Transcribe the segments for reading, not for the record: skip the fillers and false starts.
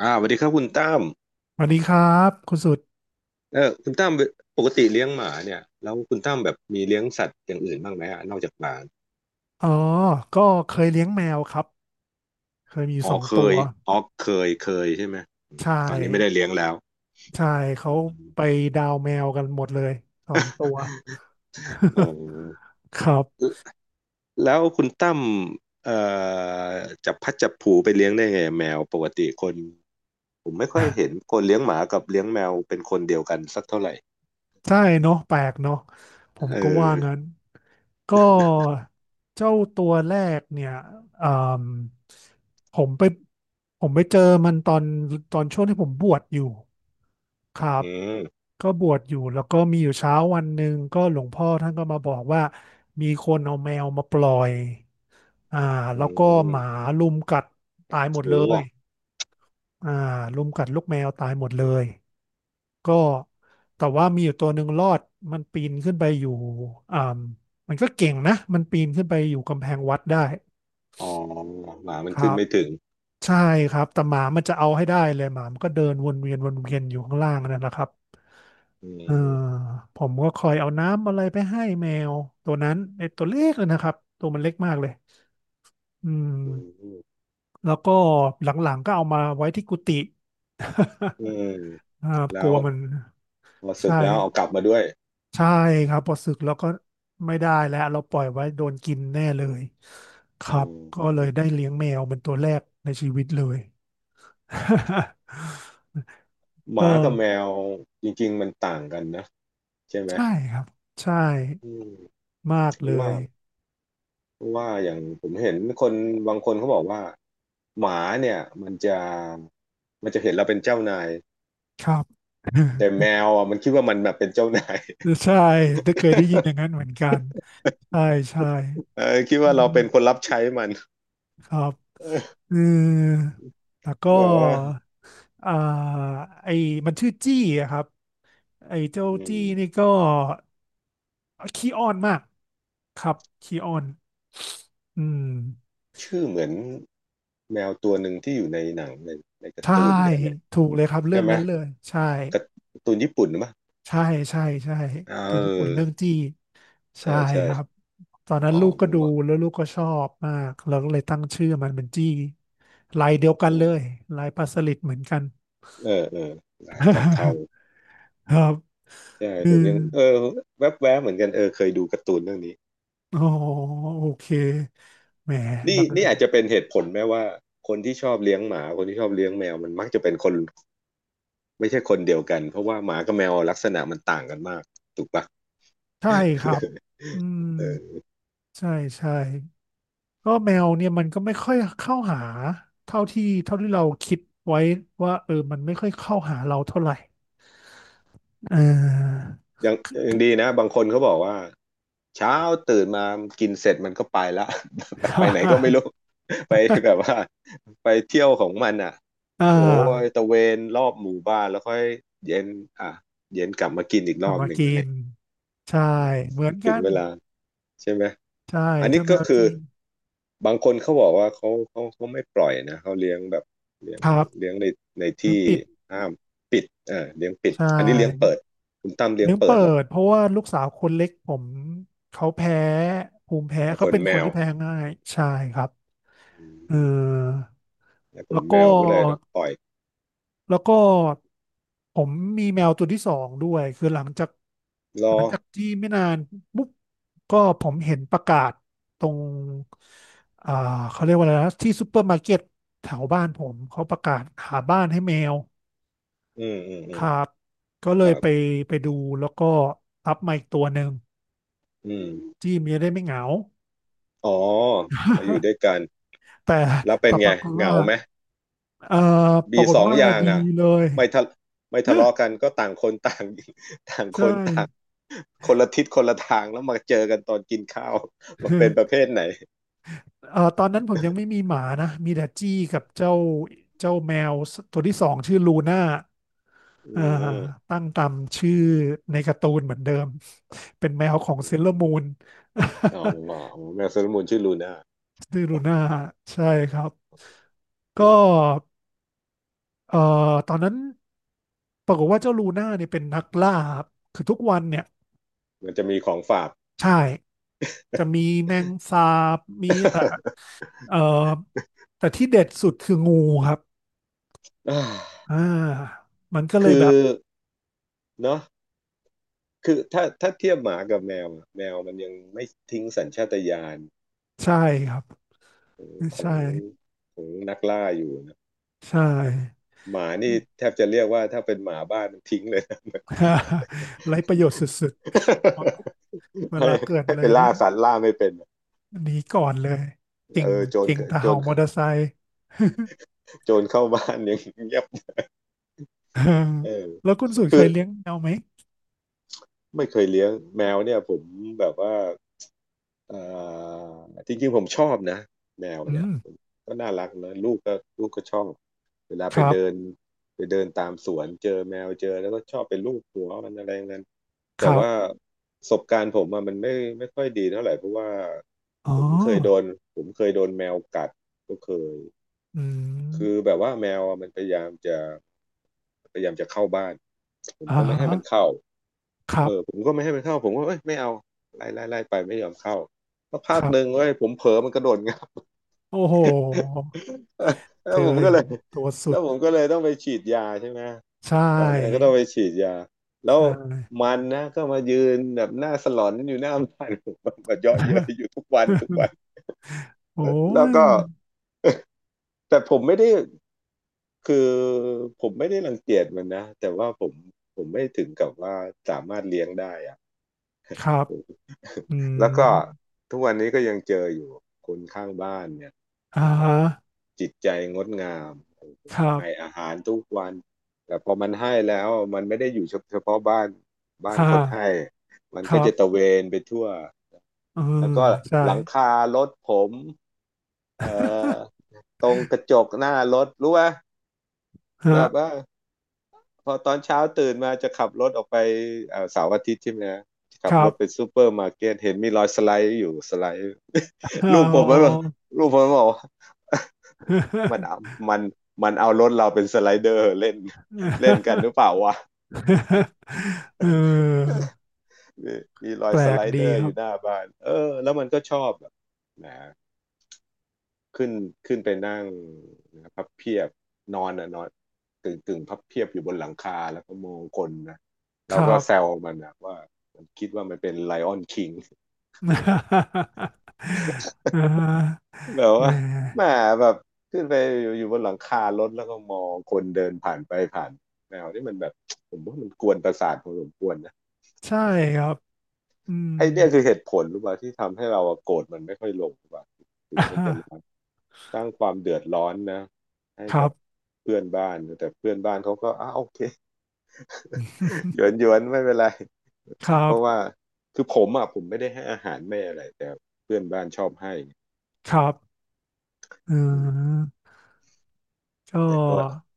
สวัสดีครับคุณตั้มสวัสดีครับคุณสุดเออคุณตั้มปกติเลี้ยงหมาเนี่ยแล้วคุณตั้มแบบมีเลี้ยงสัตว์อย่างอื่นบ้างไหมฮะนอกจากหมาอ๋อก็เคยเลี้ยงแมวครับเคยมีอยู่อ๋อสองเคตัวยอ๋อเคยใช่ไหมอืมใช่ตอนนี้ไม่ได้เลี้ยงแล้วใช่เขาอืไปมดาวแมวกันหมดเลยสองตัว โอ้ ครับแล้วแล้วคุณตั้มเอ่อจับพัดจับผูไปเลี้ยงได้ไงแมวปกติคนผมไม่ค่อยเห็นคนเลี้ยงหมากับเลี้ยงแมวเป็นคนเดียวกันสักเท่าไหร่ใช่เนาะแปลกเนาะผมเอก็อว่างั้นก็เจ้าตัวแรกเนี่ยอ่ามผมไปผมไปเจอมันตอนช่วงที่ผมบวชอยู่ ครัอืบมก็บวชอยู่แล้วก็มีอยู่เช้าวันหนึ่งก็หลวงพ่อท่านก็มาบอกว่ามีคนเอาแมวมาปล่อยอ่าอืแล้วก็หมามรุมกัดตายหมโอดเล้ยอ่ารุมกัดลูกแมวตายหมดเลยก็แต่ว่ามีอยู่ตัวหนึ่งรอดมันปีนขึ้นไปอยู่อ่ามันก็เก่งนะมันปีนขึ้นไปอยู่กำแพงวัดได้อ๋อหมามัคนรัขึ้นบ ไม่ถึงใช่ครับแต่หมามันจะเอาให้ได้เลยหมามันก็เดินวนเวียนวนเวียนอยู่ข้างล่างนั่นนะครับอืเออมผมก็คอยเอาน้ำอะไรไปให้แมวตัวนั้นไอ้ตัวเล็กเลยนะครับตัวมันเล็กมากเลยอือืมม แล้วก็หลังๆก็เอามาไว้ที่กุฏิ อืม อ่าแล้กลัววมันพอสึใช่กแล้วเอากลับมาด้วยใช่ครับพอสึกแล้วก็ไม่ได้แล้วเราปล่อยไว้โดนกินแน่เลยคอืรับก็เลยมได้เลี้ยงแมวเป็นตัวแรกในชีวิตเลย หมาก็กับแมวจริงๆมันต่างกันนะใช่ไหมใช่ครับใช่อืมมากเพเลราะว่ายเพราะว่าอย่างผมเห็นคนบางคนเขาบอกว่าหมาเนี่ยมันจะมันจะเห็นเราเป็นเจ้านายครับ แต่แม วอ่ะมันคิดว่ามันแบบเป็นเจ้านาย ใช่ได้เคยได้ยินอย่างนั้ นเหมือนกันใช่ใช่เออคิดอืว่าเรามเป็นคนรับใช้มันครับเออเออแล้วแบก็บว่าอ่าไอ้มันชื่อจี้อะครับไอ้เจ้าอืมจี้นี่ก็ขี้อ้อนมากครับขี้อ้อนอืมชื่อเหมือนแมวตัวหนึ่งที่อยู่ในหนังในการ์ใช่ตูนหรืออะไรถูกเลยครับเรื่ใช่องไหมนั้นเลยใช่การ์ตูนญี่ปุ่นไหรือ ใช่ใช่ใช่เตัวญี่ปุ่นออเรื่องจี้ ใช่ใช่ใช่ครับตอนนั้นอ๋อลูกก็ดูแล้วลูกก็ชอบมากเราก็เลยตั้งชื่อมันเป็นจี้ลายเดียวกันโอ้เลยลายปลาสลิดเหมือนกัน เออเออหลายเทา ครับๆใช่อืผมมยังเออแวบๆเหมือนกันเออเคยดูการ์ตูนเรื่องนี้อ๋อโอเคแหมนี่บังเอินี่ญอาจจะเป็นเหตุผลแม้ว่าคนที่ชอบเลี้ยงหมาคนที่ชอบเลี้ยงแมวมันมักจะเป็นคนไม่ใช่คนเดียวกันเพราะว่าหมากับแมวลักษณะมันต่างกันมากถูกปะ ใช่ครับอื มเออ ใช่ใช่ก็แมวเนี่ยมันก็ไม่ค่อยเข้าหาเท่าที่เราคิดไว้ว่าเออมันไม่ค่อยเข้าหาเราเท่าไหร่เออ ยังยังดีนะบางคนเขาบอกว่าเช้าตื่นมากินเสร็จมันก็ไปละ ไปไหนก็ไม่ รู้ ไปแบบว่าไปเที่ยวของมันอ่ะอ่า โอ้ยตะเวนรอบหมู่บ้านแล้วค่อยเย็นอ่ะเย็นกลับมากินอีกรอทำบมาหนึ่งอะกิไรนใช่เหมือนถึงกันเวลาใช่ไหมใช่อันนี้เจ้าแมก็วคืจอริงบางคนเขาบอกว่าเขาไม่ปล่อยนะเขาเลี้ยงแบบเลี้ยงครับเลี้ยงในลืมที่ปิดห้ามปิดเออเลี้ยงปิดใชอันนี้เลี้ยงเปิ่ดคุณตั้มเลี้ยงลืมเปิเปิดเหรอดเพราะว่าลูกสาวคนเล็กผมเขาแพ้ภูมิแพ้อ่ะคเขานเป็นแมคนวที่แพ้ง่ายใช่ครับอืเออม แต่ขแล้นวแมก็ วก็เลยต้องปล่อยแล้วก็ผมมีแมวตัวที่สองด้วยคือหลังจากรหอลังจากที่ไม่นานปุ๊บก็ผมเห็นประกาศตรงอ่าเขาเรียกว่าอะไรนะที่ซูเปอร์มาร์เก็ตแถวบ้านผมเขาประกาศหาบ้านให้แมวอืมอืมอืคมรับก็เลครัยไปบไปดูแล้วก็อัพมาอีกตัวหนึ่งอืมที่มันจะได้ไม่เหงา อ๋อเอามาอยู่ด้วยกัน แต่แล้วเป็นแต่ปไงรากฏเหงาว่าไหม เอ่อปบีรากสฏองว่าอย่างดีอ่ะ เลยไม่ทะไม่ทะเลาะกันก็ต่างคนต่าง ต่างคใช่ นต่าง คนละทิศคนละทางแล้วมาเจอกันตอนกินข้าวมันเป็นประ เภทไหน ตอนนั้นผมยังไม่มีหมานะ มีแต่จี้กับเจ้าแมวตัวที่สองชื่อลูน่าอือ่ามตั้งตามชื่อในการ์ตูนเหมือนเดิมเป็นแมวของอืเซมเลออืร์มมูน อ๋อแมวเซเลอร์มูนชื่อลูน่า ชื่อลูน่าใช่ครับอืก็มเอ่อตอนนั้นปรากฏว่าเจ้าลูน่าเนี่ยเป็นนักล่าครับคือทุกวันเนี่ยมันจะมีของฝาก ใช่จะมีแมงสาบมีแต่เอ่อแต่ที่เด็ดสุดคืองูครับ อ่าอ่ามันก็เลยคือแบบเนาะ คือถ้าเทียบหมากับแมวอะแมวมันยังไม่ทิ้งสัญชาตญาณใช่ครับ ของใช่ของนักล่าอยู่นะใช่ หมานี่แทบจะเรียกว่าถ้าเป็นหมาบ้านมันทิ้งเลยนะ ไร้ประโยชน์สุด ๆเวให้ลาเกิดให้เลไปยล่านี่สัตว์ล่าไม่เป็นอะหนีก่อนเลยเก่เองอโจรเก่งแต่โจเห่ารมอเตอร์ไซค์ โจรเข้าบ้านยังเงียบ เออเออแล้วคุณสุดคืเคอยเลี้ยงแมวไหมไม่เคยเลี้ยงแมวเนี่ยผมแบบว่า เอ่อจริงๆผมชอบนะแมวอืเนี่ยมก็น่ารักนะลูกก็ชอบเวลาไปครับเดินไปเดินตามสวนเจอแมวเจอแล้วก็ชอบไปลูบหัวมันอะไรอย่างนั้นคแต่รับว่าประสบการณ์ผมอะมันไม่ค่อยดีเท่าไหร่เพราะว่าอ๋อผมเคยโดนผมเคยโดนแมวกัดก็เคยอืมคือแบบว่าแมวอะมันพยายามจะเข้าบ้านผมอ่าก็ไม่ฮะให้มันเข้า คเอรัอบผมก็ไม่ให้มันเข้าผมก็เอ้ยไม่เอาไล่ไปไม่ยอมเข้าสักพัคกรัหนึ่งบเว้ยผมเผลอมันกระโดดงับ โอ้โห แล้เจวผอมก็เลยตัวสุแล้ดวผมก็เลยต้องไปฉีดยาใช่ไหมใชตอนนั้นก็ต้อ่งไปฉีดยาแล้ใชว่ มันนะก็มายืนแบบหน้าสลอนอยู่หน้าบ้าน ผมแบบเยาะเย้ยอยู่ทุกวันทุกวั นโอ้แล้วก็ยแต่ผมไม่ได้คือผมไม่ได้รังเกียจมันนะแต่ว่าผมผมไม่ถึงกับว่าสามารถเลี้ยงได้อะ ครับอืแล้วก็มทุกวันนี้ก็ยังเจออยู่คนข้างบ้านเนี่ยอ่าก็ฮะจิตใจงดงามโอ้โหครับให้อาหารทุกวันแต่พอมันให้แล้วมันไม่ได้อยู่เฉพาะบ้านบ้านค่ะคนให้มันคก็รัจะบ ตระเวนไปทั่วเออแล้วก็ใช่หลังคารถผมเอ่อตรงกระจกหน้ารถรู้ป่ะแบฮะบว่า พอตอนเช้าตื่นมาจะขับรถออกไปเสาร์อาทิตย์ใช่ไหมฮะขัคบรรัถบไปซูเปอร์มาร์เก็ตเห็นมีรอยสไลด์อยู่สไลด์ อ๋ ลูกผมมันบอกอ ลูกผมมันบอกว่า มันเอามันมันเอารถเราเป็นสไลเดอร์เล่นเล่นกันหรือเปล่าวะ เออ มีมีรอยแปลสไลกเดดีอร์คอรับยู่หน้าบ้านเออแล้วมันก็ชอบแบบนะ ขึ้นขึ้นไปนั่งนะพับเพียบนอนนะนอนกึ่งกึ่งพับเพียบอยู่บนหลังคาแล้วก็มองคนนะคเรารัก็บ แซวมันนะว่ามันคิดว่ามันเป็นไลออนคิง อ่าแบบแหว่าแหมมแบบขึ้นไปอยู่บนหลังคารถแล้วก็มองคนเดินผ่านไปผ่านแนวนี่มันแบบผมว่ามันกวนประสาทพอสมควรนะใช่ครับอืไอ้ม เนี่ยคือเหตุผลหรือเปล่าที่ทำให้เราโกรธมันไม่ค่อยลงหรือเปล่าถึ งมันอ่าจะมาสร้างความเดือดร้อนนะให้ครักับบ เพื่อนบ้านแต่เพื่อนบ้านเขาก็อ้าโอเค หย วนหยวนไม่เป็นไรครัเพบราะว่าคือผมอ่ะผมไม่ได้ให้อาหารแม่อะไรแต่เพื่อนบ้านชอบให้ครับเอืมออกแต่ก็็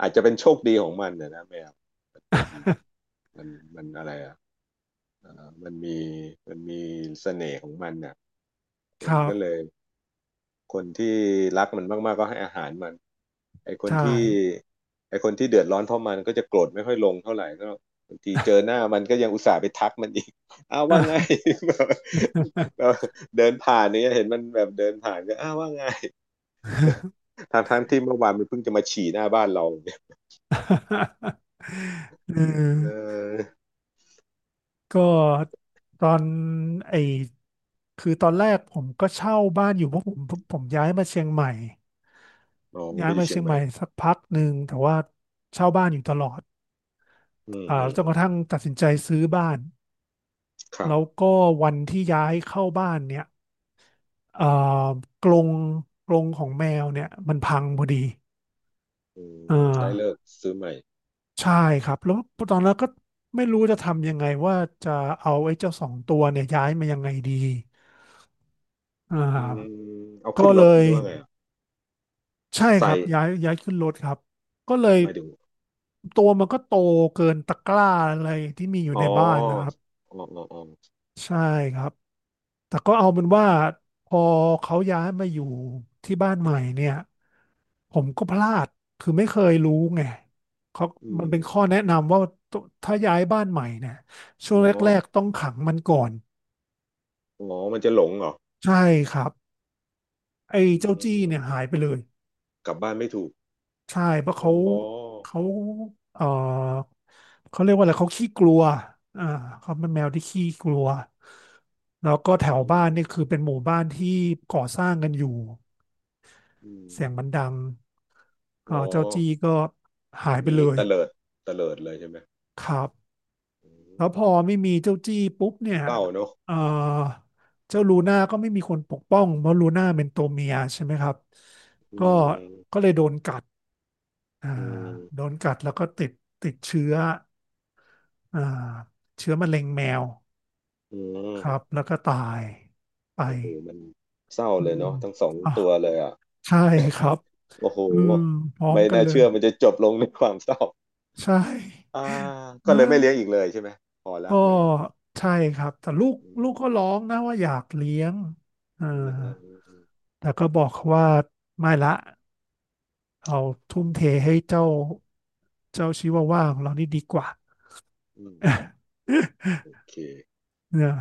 อาจจะเป็นโชคดีของมันนะนะแมวมันเป็นแบบมันมันอะไรอ่ะเอ่อมันมีมันมีเสน่ห์ของมันอ่ะคมันรัก็เลบย คนที่รักมันมากๆก็ให้อาหารมันไอ้คนใช่ ที่ไอ้คนที่เดือดร้อนเพราะมันก็จะโกรธไม่ค่อยลงเท่าไหร่ก็บางทีเจอหน้ามันก็ยังอุตส่าห์ไปทักมันอีก อ้าวว่าไง แบบแบบเดินผ่านเนี่ยเห็นมันแบบเดินผ่านก็อ้าวว่าไง ทางทั้งๆที่เมื่อวานมันเพิ่งจะมาฉี่หน้าบ้านเราเนี่ยเอเออ อก็ตอนไอคือตอนแรกผมก็เช่าบ้านอยู่เพราะผมย้ายมาเชียงใหม่อ๋อมันย้าไปยอยู่มาเชียเชีงยงใหใหม่ม่สักพักหนึ่งแต่ว่าเช่าบ้านอยู่ตลอดอืมอืมจนอืกมระทั่งตัดสินใจซื้อบ้านครับแล้วก็วันที่ย้ายเข้าบ้านเนี่ยเอ่อกรงกรงของแมวเนี่ยมันพังพอดีอืเอมได้เลิอกซื้อใหม่ใช่ครับแล้วตอนนั้นก็ไม่รู้จะทำยังไงว่าจะเอาไอ้เจ้าสองตัวเนี่ยย้ายมายังไงดีอ่อืามเอาขึ้ก็นรเลถย ด้วยไงอะใช่คใส่รับย้ายขึ้นรถครับก็เลยหมายถึงตัวมันก็โตเกินตะกร้าอะไรที่มีอยู่อ๋อในบ้านนะครับอ๋ออ๋ออ๋อ ใช่ครับแต่ก็เอาเป็นว่าพอเขาย้ายมาอยู่ที่บ้านใหม่เนี่ยผมก็พลาดคือไม่เคยรู้ไงเขาอืมันมเป็นข้อแนะนำว่าตัวถ้าย้ายบ้านใหม่เนี่ยช่วงแรอ๋อกๆต้องขังมันก่อนอ๋อมันจะหลงเหรอใช่ครับไอ้อืเจ้าจี้เนี่ยมหายไปเลย กลับบ้านไม่ถูกใช่เพราะอ๋อเขาเออเขาเรียกว่าอะไรเขาขี้กลัวอ่าเขาเป็นแมวที่ขี้กลัวแล้วอืก็แถวมบ้านนี่คือเป็นหมู่บ้านที่ก่อสร้างกันอยู่อืมเสียงมันดังอ๋อเจ้าจี้ก็หายหไปนีเลยเตลิดเตลิดเลยใช่ไหมครับอืแล้วพอมไม่มีเจ้าจี้ปุ๊บเนี่ยเศร้าเนอะเออเจ้าลูน่าก็ไม่มีคนปกป้องเพราะลูน่าเป็นตัวเมียใช่ไหมครับอืก็มอ่าอืโดมนกัดแล้วก็ติดเชื้อ อ่าเชื้อมะเร็งแมวอืมครับแล้วก็ตายไปโอ้โหมันเศร้าอืเลยมเนาะทั้งสองอ่ะตัวเลยอ่ะใช่ครับโอ้โห อืมพร้อมไม่กันน่าเลยเชื่อมันจะจบลงในความเศร้าใช่อ่าก็เลนะยไม่เลี้ยงอีกเลยใช่ไหมพอละก็แมวใช่ครับแต่ลูกอืมลูกก็ร้องนะว่าอยากเลี้ยงอ่าอืมอืมอืมแต่ก็บอกเขาว่าไม่ละเอาอืทุ่มเทมให้เจ้าชิวาว่าของเรานี่ดีกว่า อืม โอเคเนี่ย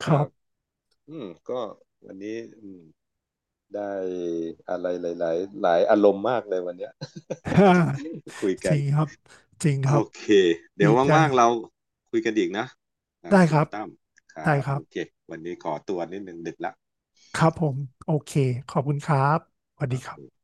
คครัรับ บ อืมก็วันนี้อืมได้อะไรหลายๆหลายอารมณ์มากเลยวันเนี้ย คุยจกันริงครับจริงโอครับเคเดี๋ยดีวใจ ว่างๆเราคุยกันอีกนะอ่าได้คุคณรับ ตั้มครัได้บครัโอเคบ วันนี้ขอตัวนิดนึงดึกละครับผม โอเค ขอบคุณครับสวัสคดีรัครับบ